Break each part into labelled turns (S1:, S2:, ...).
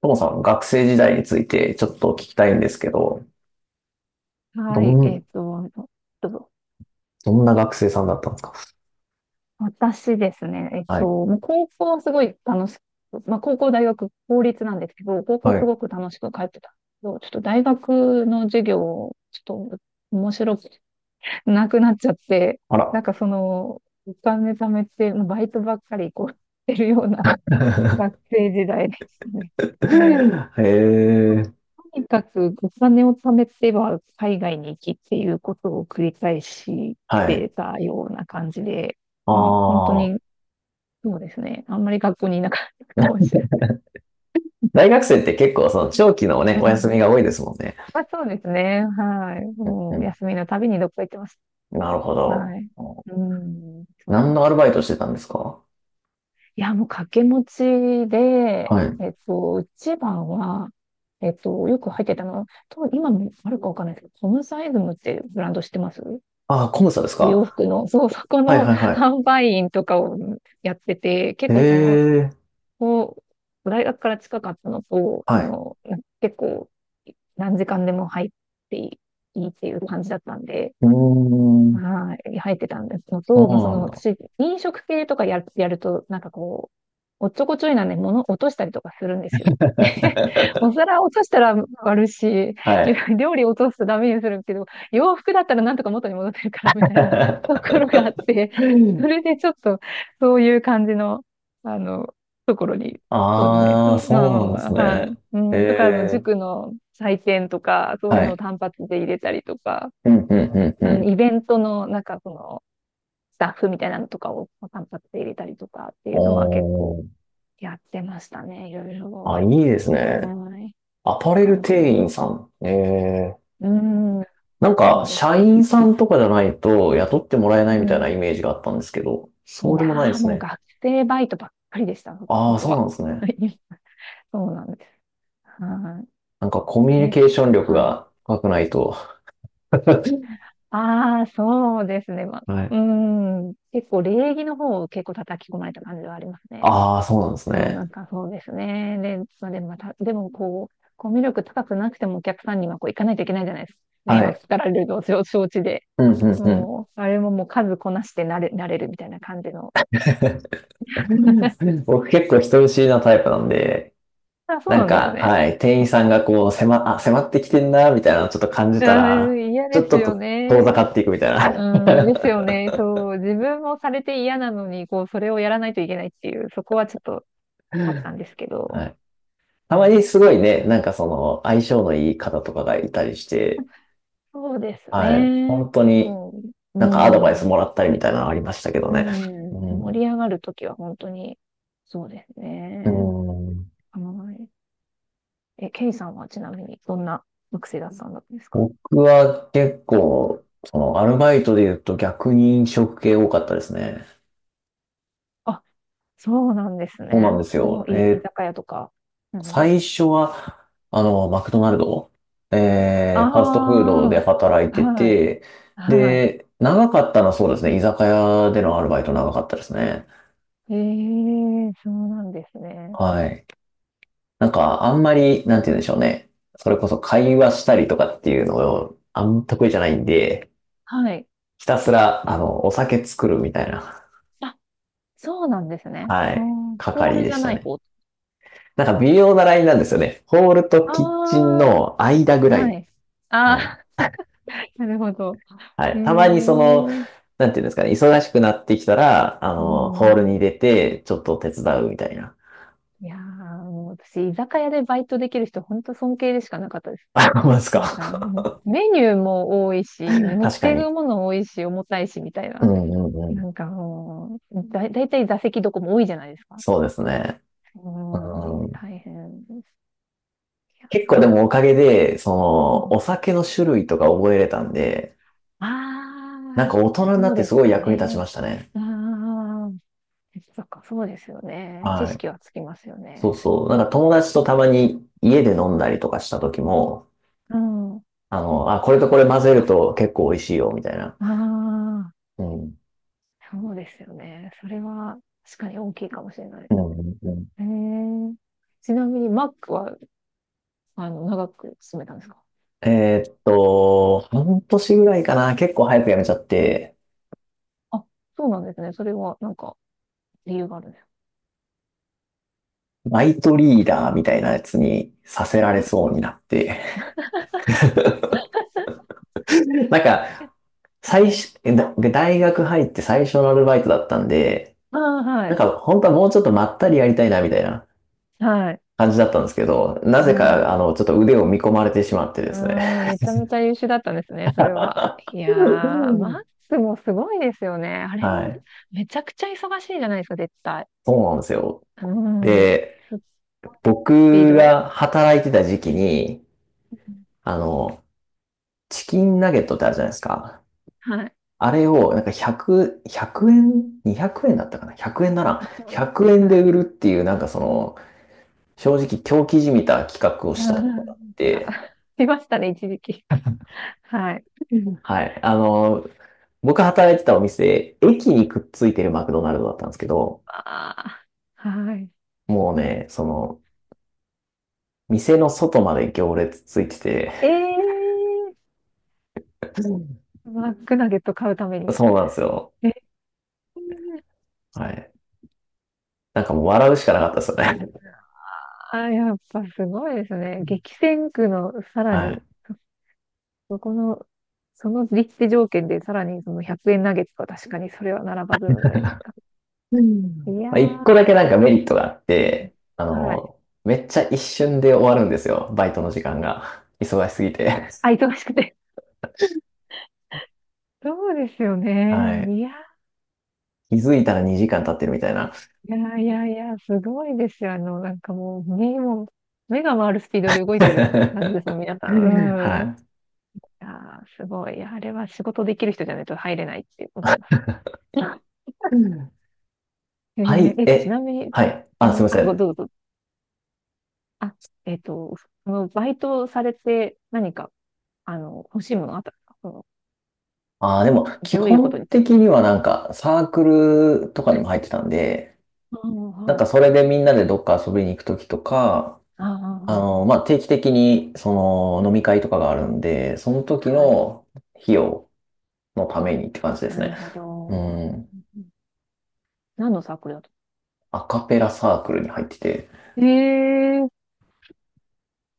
S1: ともさん、学生時代についてちょっと聞きたいんですけど、ど
S2: はい、
S1: ん、
S2: どうぞ。
S1: どんな学生さんだったんですか？
S2: 私ですね、
S1: はい。
S2: もう高校はすごい楽しく、まあ、高校、大学、公立なんですけど、高校は
S1: は
S2: す
S1: い。
S2: ごく楽しく通ってたんですけど、ちょっと大学の授業、ちょっと面白くなくなっちゃって、
S1: あ
S2: なん
S1: ら。
S2: かその、お金貯めて、バイトばっかりこう、してるような学生時代ですね。ね、
S1: へえ。
S2: とにかくお金を貯めては海外に行きっていうことを繰り返し
S1: はい。
S2: てたような感じで、
S1: あ
S2: まあ本当
S1: あ。
S2: にそうですね。あんまり学校にいなかったかもし れ
S1: 大学生って結構その長期のね、
S2: ない。
S1: お
S2: う
S1: 休み
S2: ん。
S1: が多いですもんね。
S2: まあそうですね。はい。
S1: うん
S2: も
S1: う
S2: う
S1: ん。
S2: 休みのたびにどっか行ってます。
S1: なるほど。
S2: はい。うん。そう
S1: 何
S2: で
S1: のアル
S2: す。
S1: バイトしてたんですか？
S2: いや、もう掛け持ちで、
S1: はい。
S2: 一番は、よく入ってたのは、と今もあるかわかんないですけど、コムサイズムってブランド知ってます？
S1: ああ、コムサです
S2: お洋
S1: か？
S2: 服の、そう、そこ
S1: はい
S2: の
S1: はいは
S2: 販売員とかをやってて、
S1: い。
S2: 結
S1: へ
S2: 構その、
S1: え。
S2: こう、大学から近かったのと、そ
S1: はい。
S2: の、な結構、何時間でも入っていいっていう感じだったんで、
S1: うーん。
S2: はい、入ってたんですの
S1: そう
S2: と、まあ、そ
S1: な
S2: の、
S1: んだ。
S2: 私、飲食系とかやる、やると、なんかこう、おっちょこちょいなんで物落としたりとかするんですよ。でお皿落としたら割るし、
S1: はい。
S2: 料理落とすとダメにするけど、洋服だったらなんとか元に戻ってるからみたいな ところがあって、それでちょっとそういう感じの、あの、ところに、そうですね。つ
S1: ああ、
S2: ま
S1: そ
S2: あま
S1: うなんです
S2: あまあ、は
S1: ね。
S2: い。う
S1: え
S2: ん、とか、あの、
S1: え、
S2: 塾の採点とか、そういう
S1: は
S2: のを
S1: い。
S2: 単発で入れたりとか、
S1: うん、うん、うん、う
S2: あの、イ
S1: ん。
S2: ベントの、なんかその、スタッフみたいなのとかを単発で入れたりとかっていうのは結構、
S1: おー。
S2: やってましたね。いろい
S1: あ、い
S2: ろ。
S1: いですね。
S2: はい。
S1: アパレル
S2: 感じ
S1: 店
S2: の。
S1: 員さん。ええ。
S2: うん。
S1: なんか、
S2: そうで
S1: 社
S2: す
S1: 員
S2: ね。
S1: さんとかじゃないと雇ってもらえ
S2: う
S1: ないみたいな
S2: ん。
S1: イメージがあったんですけど、
S2: い
S1: そ
S2: い
S1: うでもないで
S2: なあ
S1: す
S2: もう
S1: ね。
S2: 学生バイトばっかりでした、そ
S1: あ
S2: の
S1: あ、
S2: 子
S1: そうな
S2: は。
S1: んです ね。
S2: はい。そうなんです。は
S1: なんかコミュ
S2: い。
S1: ニ
S2: え、
S1: ケー
S2: き、
S1: ション力
S2: はい。
S1: が高くないと。
S2: ああ、そうですね。まあ、
S1: はい。
S2: うん。結構礼儀の方を結構叩き込まれた感じはありますね。
S1: ああ、そうなんです
S2: そう、なん
S1: ね。
S2: かそうですね。で、それまた、でもこう、コミュ力高くなくてもお客さんにはこう行かないといけないじゃないですか。迷
S1: はい。
S2: 惑かられるのを承知で。
S1: うん、うん、うん。
S2: もう、あれももう数こなしてなれ、なれるみたいな感じの。
S1: 僕結構人見知りなタイプなんで、
S2: あ、そう
S1: なん
S2: なんです
S1: か、
S2: ね。
S1: はい、店員さんがこう、迫ってきてんな、みたいなのをちょっと感じ
S2: う
S1: た
S2: ー
S1: ら、
S2: ん、嫌
S1: ち
S2: で
S1: ょっ
S2: す
S1: と
S2: よ
S1: と遠
S2: ね。
S1: ざかっていくみたいな。
S2: うん、で すよね。そう、自分もされて嫌なのに、こう、それをやらないといけないっていう、そこはちょっとあったんですけど、
S1: はい。た
S2: そ
S1: ま
S2: う
S1: に
S2: で
S1: す
S2: す
S1: ごい
S2: ね。
S1: ね、
S2: はい。
S1: なんかその、相性のいい方とかがいたりして、
S2: そうです
S1: はい、
S2: ね。
S1: 本当に
S2: もう、う
S1: なんかアドバイ
S2: ん、
S1: ス
S2: う
S1: もらったりみたいなのありましたけどね。
S2: ん、
S1: う
S2: 盛
S1: ん。
S2: り上がるときは本当に、そうです
S1: う
S2: ね。
S1: ん。
S2: はい。え、ケイさんはちなみに、どんな学生だったんですか？
S1: 僕は結構、その、アルバイトで言うと逆に飲食系多かったですね。
S2: そうなんです
S1: そうなん
S2: ね。
S1: です
S2: も
S1: よ。
S2: うい、居酒屋とか。うん。
S1: 最初は、あの、マクドナルド、ファストフード
S2: あ
S1: で働い
S2: あ、
S1: て
S2: はい、
S1: て、
S2: はい。
S1: で、長かったのはそうですね、居酒屋でのアルバイト長かったですね。
S2: ええ、そうなんですね。
S1: はい。なんか、あんまり、なんて言うんでしょうね。それこそ会話したりとかっていうのを、あんま得意じゃないんで、
S2: はい。
S1: ひたすら、あの、お酒作るみたいな、
S2: あ、そうなんですね。
S1: は
S2: う
S1: い、
S2: ん、ホー
S1: 係
S2: ル
S1: で
S2: じゃ
S1: し
S2: な
S1: た
S2: い
S1: ね。
S2: 方。
S1: なんか微妙なラインなんですよね。ホールと
S2: あ
S1: キッチンの間ぐ
S2: あ、
S1: ら
S2: は
S1: い。
S2: い。あ
S1: はい。
S2: あ、なるほど。
S1: は
S2: ええ、
S1: い。たまにその、なんていうんですかね、忙しくなってきたら、あ
S2: う
S1: の、ホール
S2: ん。
S1: に出て、ちょっと手伝うみたいな。
S2: いやー、もう私、居酒屋でバイトできる人、本当尊敬でしかなかったです。
S1: あ、ほんまです
S2: なんか、
S1: か。
S2: メニューも多いし、持っ
S1: 確か
S2: ていく
S1: に。
S2: もの多いし、重たいし、みたい
S1: う
S2: な。
S1: んうんうん。
S2: なんかもう、だ、だいたい座席どこも多いじゃないですか。
S1: そうですね。
S2: う
S1: う
S2: ん、
S1: ん。
S2: 大変です。いや、
S1: 結
S2: す
S1: 構で
S2: ご
S1: も
S2: い。
S1: おかげで、そ
S2: あ
S1: の、お酒の種類とか覚えれたんで、な
S2: あ、
S1: ん
S2: あ、
S1: か大人にな
S2: そ
S1: っ
S2: う
S1: て
S2: で
S1: すご
S2: す
S1: い
S2: よ
S1: 役に立ち
S2: ね。
S1: ましたね。
S2: ああ、そっか、そうですよね。知
S1: はい。
S2: 識はつきますよ
S1: そう
S2: ね。
S1: そう。なんか友達とたまに家で飲んだりとかした時も、
S2: うん。あ、
S1: あの、あ、これとこれ混
S2: あ
S1: ぜると結構美味しいよ、みたいな。
S2: あ
S1: うん。
S2: ー、そうですよね。それは確かに大きいかもしれない。
S1: うんうんうん。
S2: えー、ちなみに、マックは、あの、長く進めたんですか？
S1: 半年ぐらいかな、結構早く辞めちゃって、
S2: あ、そうなんですね。それは、なんか、理由があるね。
S1: バイトリーダーみたいなやつにさせられそうになって。なんか、最
S2: はい。
S1: 初、大学入って最初のアルバイトだったんで、
S2: ああ、は
S1: なん
S2: い。
S1: か本当はもうちょっとまったりやりたいなみたいな
S2: はい。
S1: 感じだったんですけど、なぜ
S2: は
S1: か、
S2: い。
S1: あの、ちょっと腕を見込まれてしまってですね。
S2: ああ、めちゃめちゃ優秀だったんですね、それは。いやー、マックスもすごいですよね。あれも
S1: はい。
S2: めちゃくちゃ忙しいじゃないですか、絶対。
S1: そうなんですよ。
S2: うん。
S1: で、
S2: すっごいスピー
S1: 僕
S2: ド。
S1: が働いてた時期に、
S2: うん。
S1: あの、チキンナゲットってあるじゃないですか。
S2: はい。
S1: あれを、100円、200円だったかな？ 100 円なら、
S2: はい。
S1: 100円
S2: は
S1: で
S2: い。
S1: 売るっていう、なんかその、正直狂気じみた企画を
S2: う
S1: したところがあっ
S2: ん。あ、
S1: て、
S2: いましたね、一時期。はい。
S1: うんはい。あの、僕働いてたお店、駅にくっついてるマクドナルドだったんですけど、
S2: ああ、はい。
S1: もうね、その、店の外まで行列ついてて、
S2: ええ
S1: うん
S2: ー、マックナゲット買うために。
S1: そうなんですよ。
S2: えー。
S1: はい。なんかもう笑うしかなかったですよね。
S2: あ、やっぱすごいですね。激戦区のさら
S1: はい。
S2: に、そ、この、その立地条件でさらにその100円ナゲットは確かにそれは並ばざるを得ないか。
S1: う
S2: い
S1: ん。
S2: や
S1: まあ、1個
S2: ー、
S1: だけなんかメリットがあって、あ
S2: はい。
S1: の、めっちゃ一瞬で終わるんですよ。バイトの時間が。忙しすぎて。
S2: あ、忙しくて。そうですよ
S1: は
S2: ね。
S1: い。
S2: いや
S1: 気づいたら2時間経ってるみたいな。
S2: ー、いやいやいや、すごいですよ。あの、なんかもう、目も、目が回るスピードで動いてる感じですもん、皆さ
S1: は
S2: ん。うん。い
S1: い。
S2: やー、すごい。いや、あれは仕事できる人じゃないと入れないって思います。
S1: う ん。
S2: え
S1: は
S2: ー
S1: い、
S2: え、ちな
S1: え、
S2: みに、
S1: はい。
S2: こ
S1: あ、すい
S2: の、
S1: ま
S2: あ、
S1: せ
S2: ご、
S1: ん。
S2: どうぞ。あ、えっと、そのバイトされて何か、あの、欲しいものあったんですか？その
S1: あー、でも、基
S2: どういうこと
S1: 本
S2: に使っ
S1: 的にはなんか、サークルとかにも入ってたんで、
S2: た。ああ、
S1: なん
S2: は
S1: か
S2: い。
S1: それでみんなでどっか遊びに行くときとか、
S2: ああ、う
S1: あ
S2: んう
S1: の、
S2: ん。
S1: まあ、定期的に、その、飲み会とかがあるんで、その時
S2: はい。
S1: の費用のためにって感じです
S2: なる
S1: ね。
S2: ほど。う
S1: う
S2: んう
S1: ん。
S2: んうん。何のサークルだと？
S1: アカペラサークルに入ってて。
S2: ええ。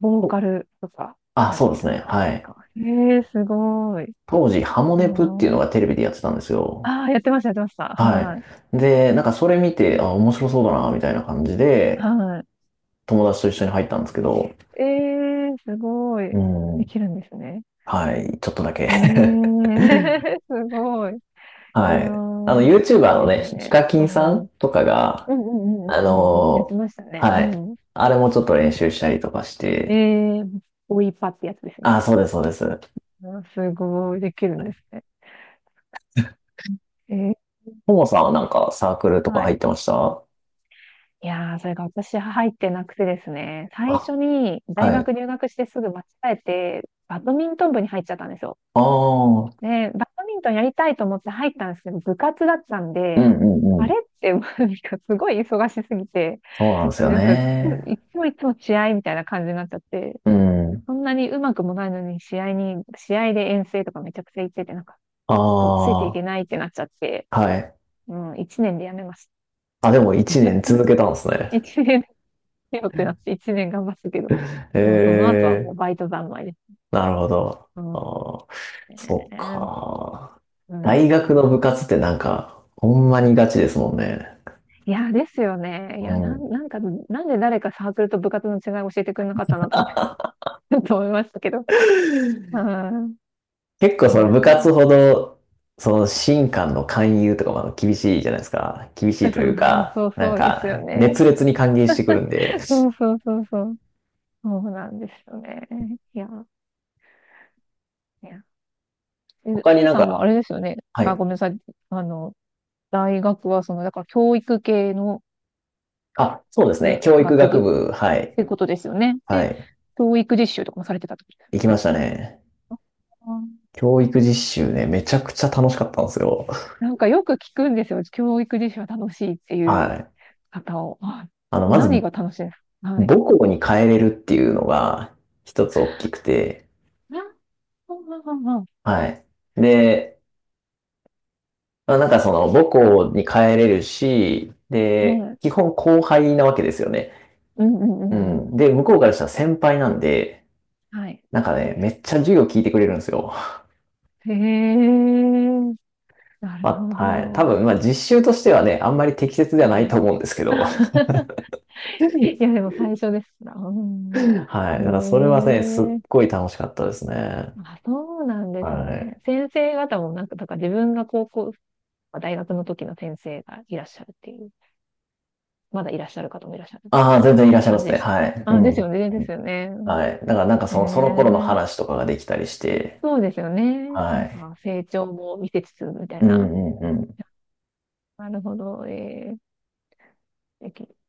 S2: ボー
S1: お
S2: カルとか
S1: あ、
S2: やっ
S1: そう
S2: て
S1: です
S2: る
S1: ね。
S2: 感じ
S1: は
S2: です
S1: い。
S2: か？ええー、すごい。
S1: 当時、ハモネプっていう
S2: そ
S1: のが
S2: う。
S1: テレビでやってたんですよ。
S2: ああ、やってました、やってました。
S1: はい。
S2: はい。
S1: で、なんかそれ見て、あ、面白そうだな、みたいな感じで、
S2: はい。
S1: 友達と一緒に入ったんですけど、
S2: ええー、すご
S1: う
S2: い。で
S1: ん。
S2: きるんですね。
S1: はい。ちょっとだけ。
S2: ええ ー、すごい。い
S1: は
S2: や
S1: い。あの、
S2: ー、楽
S1: YouTuber
S2: しい
S1: の
S2: です
S1: ね、ヒ
S2: ね。
S1: カキ
S2: う
S1: ンさ
S2: ん。う
S1: ん
S2: ん
S1: とか
S2: う
S1: が、あ
S2: んうんうんうんうん。やっ
S1: の
S2: てました
S1: ー
S2: ね。う
S1: はい。
S2: ん。
S1: あれもちょっと練習したりとかし
S2: え
S1: て、
S2: ー、ボイパってやつです
S1: あ、
S2: ね。
S1: そうです、そうです。は
S2: うん、すごい、できるん
S1: い。
S2: ですね。えー、
S1: ももさんはなんかサークルとか
S2: は
S1: 入っ
S2: い。
S1: てました？
S2: いやー、それが私入ってなくてですね、最
S1: あ、
S2: 初に大
S1: は
S2: 学
S1: い。
S2: 入学してすぐ間違えて、バドミントン部に入っちゃったんですよ。
S1: ああ、うん
S2: で、バドミントンやりたいと思って入ったんですけど、部活だったん
S1: う
S2: で、
S1: んう
S2: あ
S1: ん。
S2: れって、もうなんかすごい忙しすぎて、
S1: そうなんですよ
S2: なんか、い
S1: ね。
S2: つもいつも試合みたいな感じになっちゃって、
S1: うん。
S2: そんなにうまくもないのに、試合に、試合で遠征とかめちゃくちゃ行ってて、なんか、
S1: あ
S2: ちょっとついていけな
S1: あ、
S2: いってなっちゃって、
S1: はい。
S2: うん、一年でやめました。
S1: あ、でも1年続けた んですね。
S2: 一年でよってなって、一年頑張ったけど、もうその後はも
S1: え
S2: う
S1: え、
S2: バイト三昧です。
S1: なるほど。
S2: うん。
S1: ああ、そっ
S2: ね。
S1: か。
S2: う
S1: 大学
S2: ん、
S1: の部活ってなんか、ほんまにガチですもんね。
S2: いや、ですよね。いや、なん、なんか、なんで誰かサークルと部活の違い教えてくれなかったなと思って と思いましたけど。うん。
S1: 結構
S2: い
S1: その
S2: や
S1: 部活ほど、その新官の勧誘とかもあの厳しいじゃないですか。厳しい
S2: ー、
S1: と
S2: そ
S1: い
S2: う
S1: う
S2: そう
S1: か、
S2: そう
S1: なん
S2: そうです
S1: か
S2: よね。
S1: 熱烈に歓迎してくるんで、
S2: そうそうそうそう。そうなんですよね。いやー。ねえ、
S1: 他に
S2: T
S1: なん
S2: さんはあ
S1: か、
S2: れですよね。
S1: は
S2: あ、
S1: い。
S2: ごめんなさい。あの、大学はその、だから教育系の
S1: あ、そうです
S2: うん
S1: ね。教育
S2: 学部
S1: 学部、は
S2: っ
S1: い。
S2: てことですよね。
S1: は
S2: で、
S1: い。
S2: 教育実習とかもされてたってことですよ
S1: 行
S2: ね。
S1: きましたね。
S2: あー。
S1: 教育実習ね、めちゃくちゃ楽しかったんですよ。
S2: なんかよく聞くんですよ。教育実習は楽しいっていう
S1: はい。
S2: 方を。あ、
S1: あの、まず、
S2: 何が楽しいですか？はい。
S1: 母校に帰れるっていうのが一つ大きくて、
S2: あ、うん
S1: はい。で、まあ、なんかその母校に帰れるし、
S2: うんうんう
S1: で、
S2: ん。はい。
S1: 基本後輩なわけですよね。
S2: うんうんう
S1: う
S2: んうん。
S1: ん。で、向こうからしたら先輩なんで、
S2: はい。
S1: なんかね、めっちゃ授業聞いてくれるんですよ。
S2: へえ、な る
S1: ま
S2: ほ
S1: あ、はい。多
S2: ど。
S1: 分、まあ実習としてはね、あんまり適切ではな
S2: は
S1: いと
S2: い。
S1: 思うんですけど。
S2: いや、でも最初ですな。うん。
S1: はい。だからそれはね、すっ
S2: へえ。
S1: ごい楽しかったですね。
S2: あ、そうなんで
S1: は
S2: すね。
S1: い。
S2: 先生方もなんか、だから自分が高校、大学の時の先生がいらっしゃるっていう、まだいらっしゃる方もいらっしゃる
S1: ああ、全然いらっしゃいま
S2: 感じ
S1: す
S2: で
S1: ね。
S2: した。
S1: はい。う
S2: あ、
S1: ん。
S2: で
S1: う
S2: す
S1: ん
S2: よね、ですよね。
S1: はい。だからなんかその、その頃の
S2: え
S1: 話
S2: え。
S1: とかができたりして、
S2: そうですよね。な
S1: は
S2: ん
S1: い。
S2: か成長も見せつつみたい
S1: う
S2: な。
S1: んうんうん。
S2: なるほど。ええ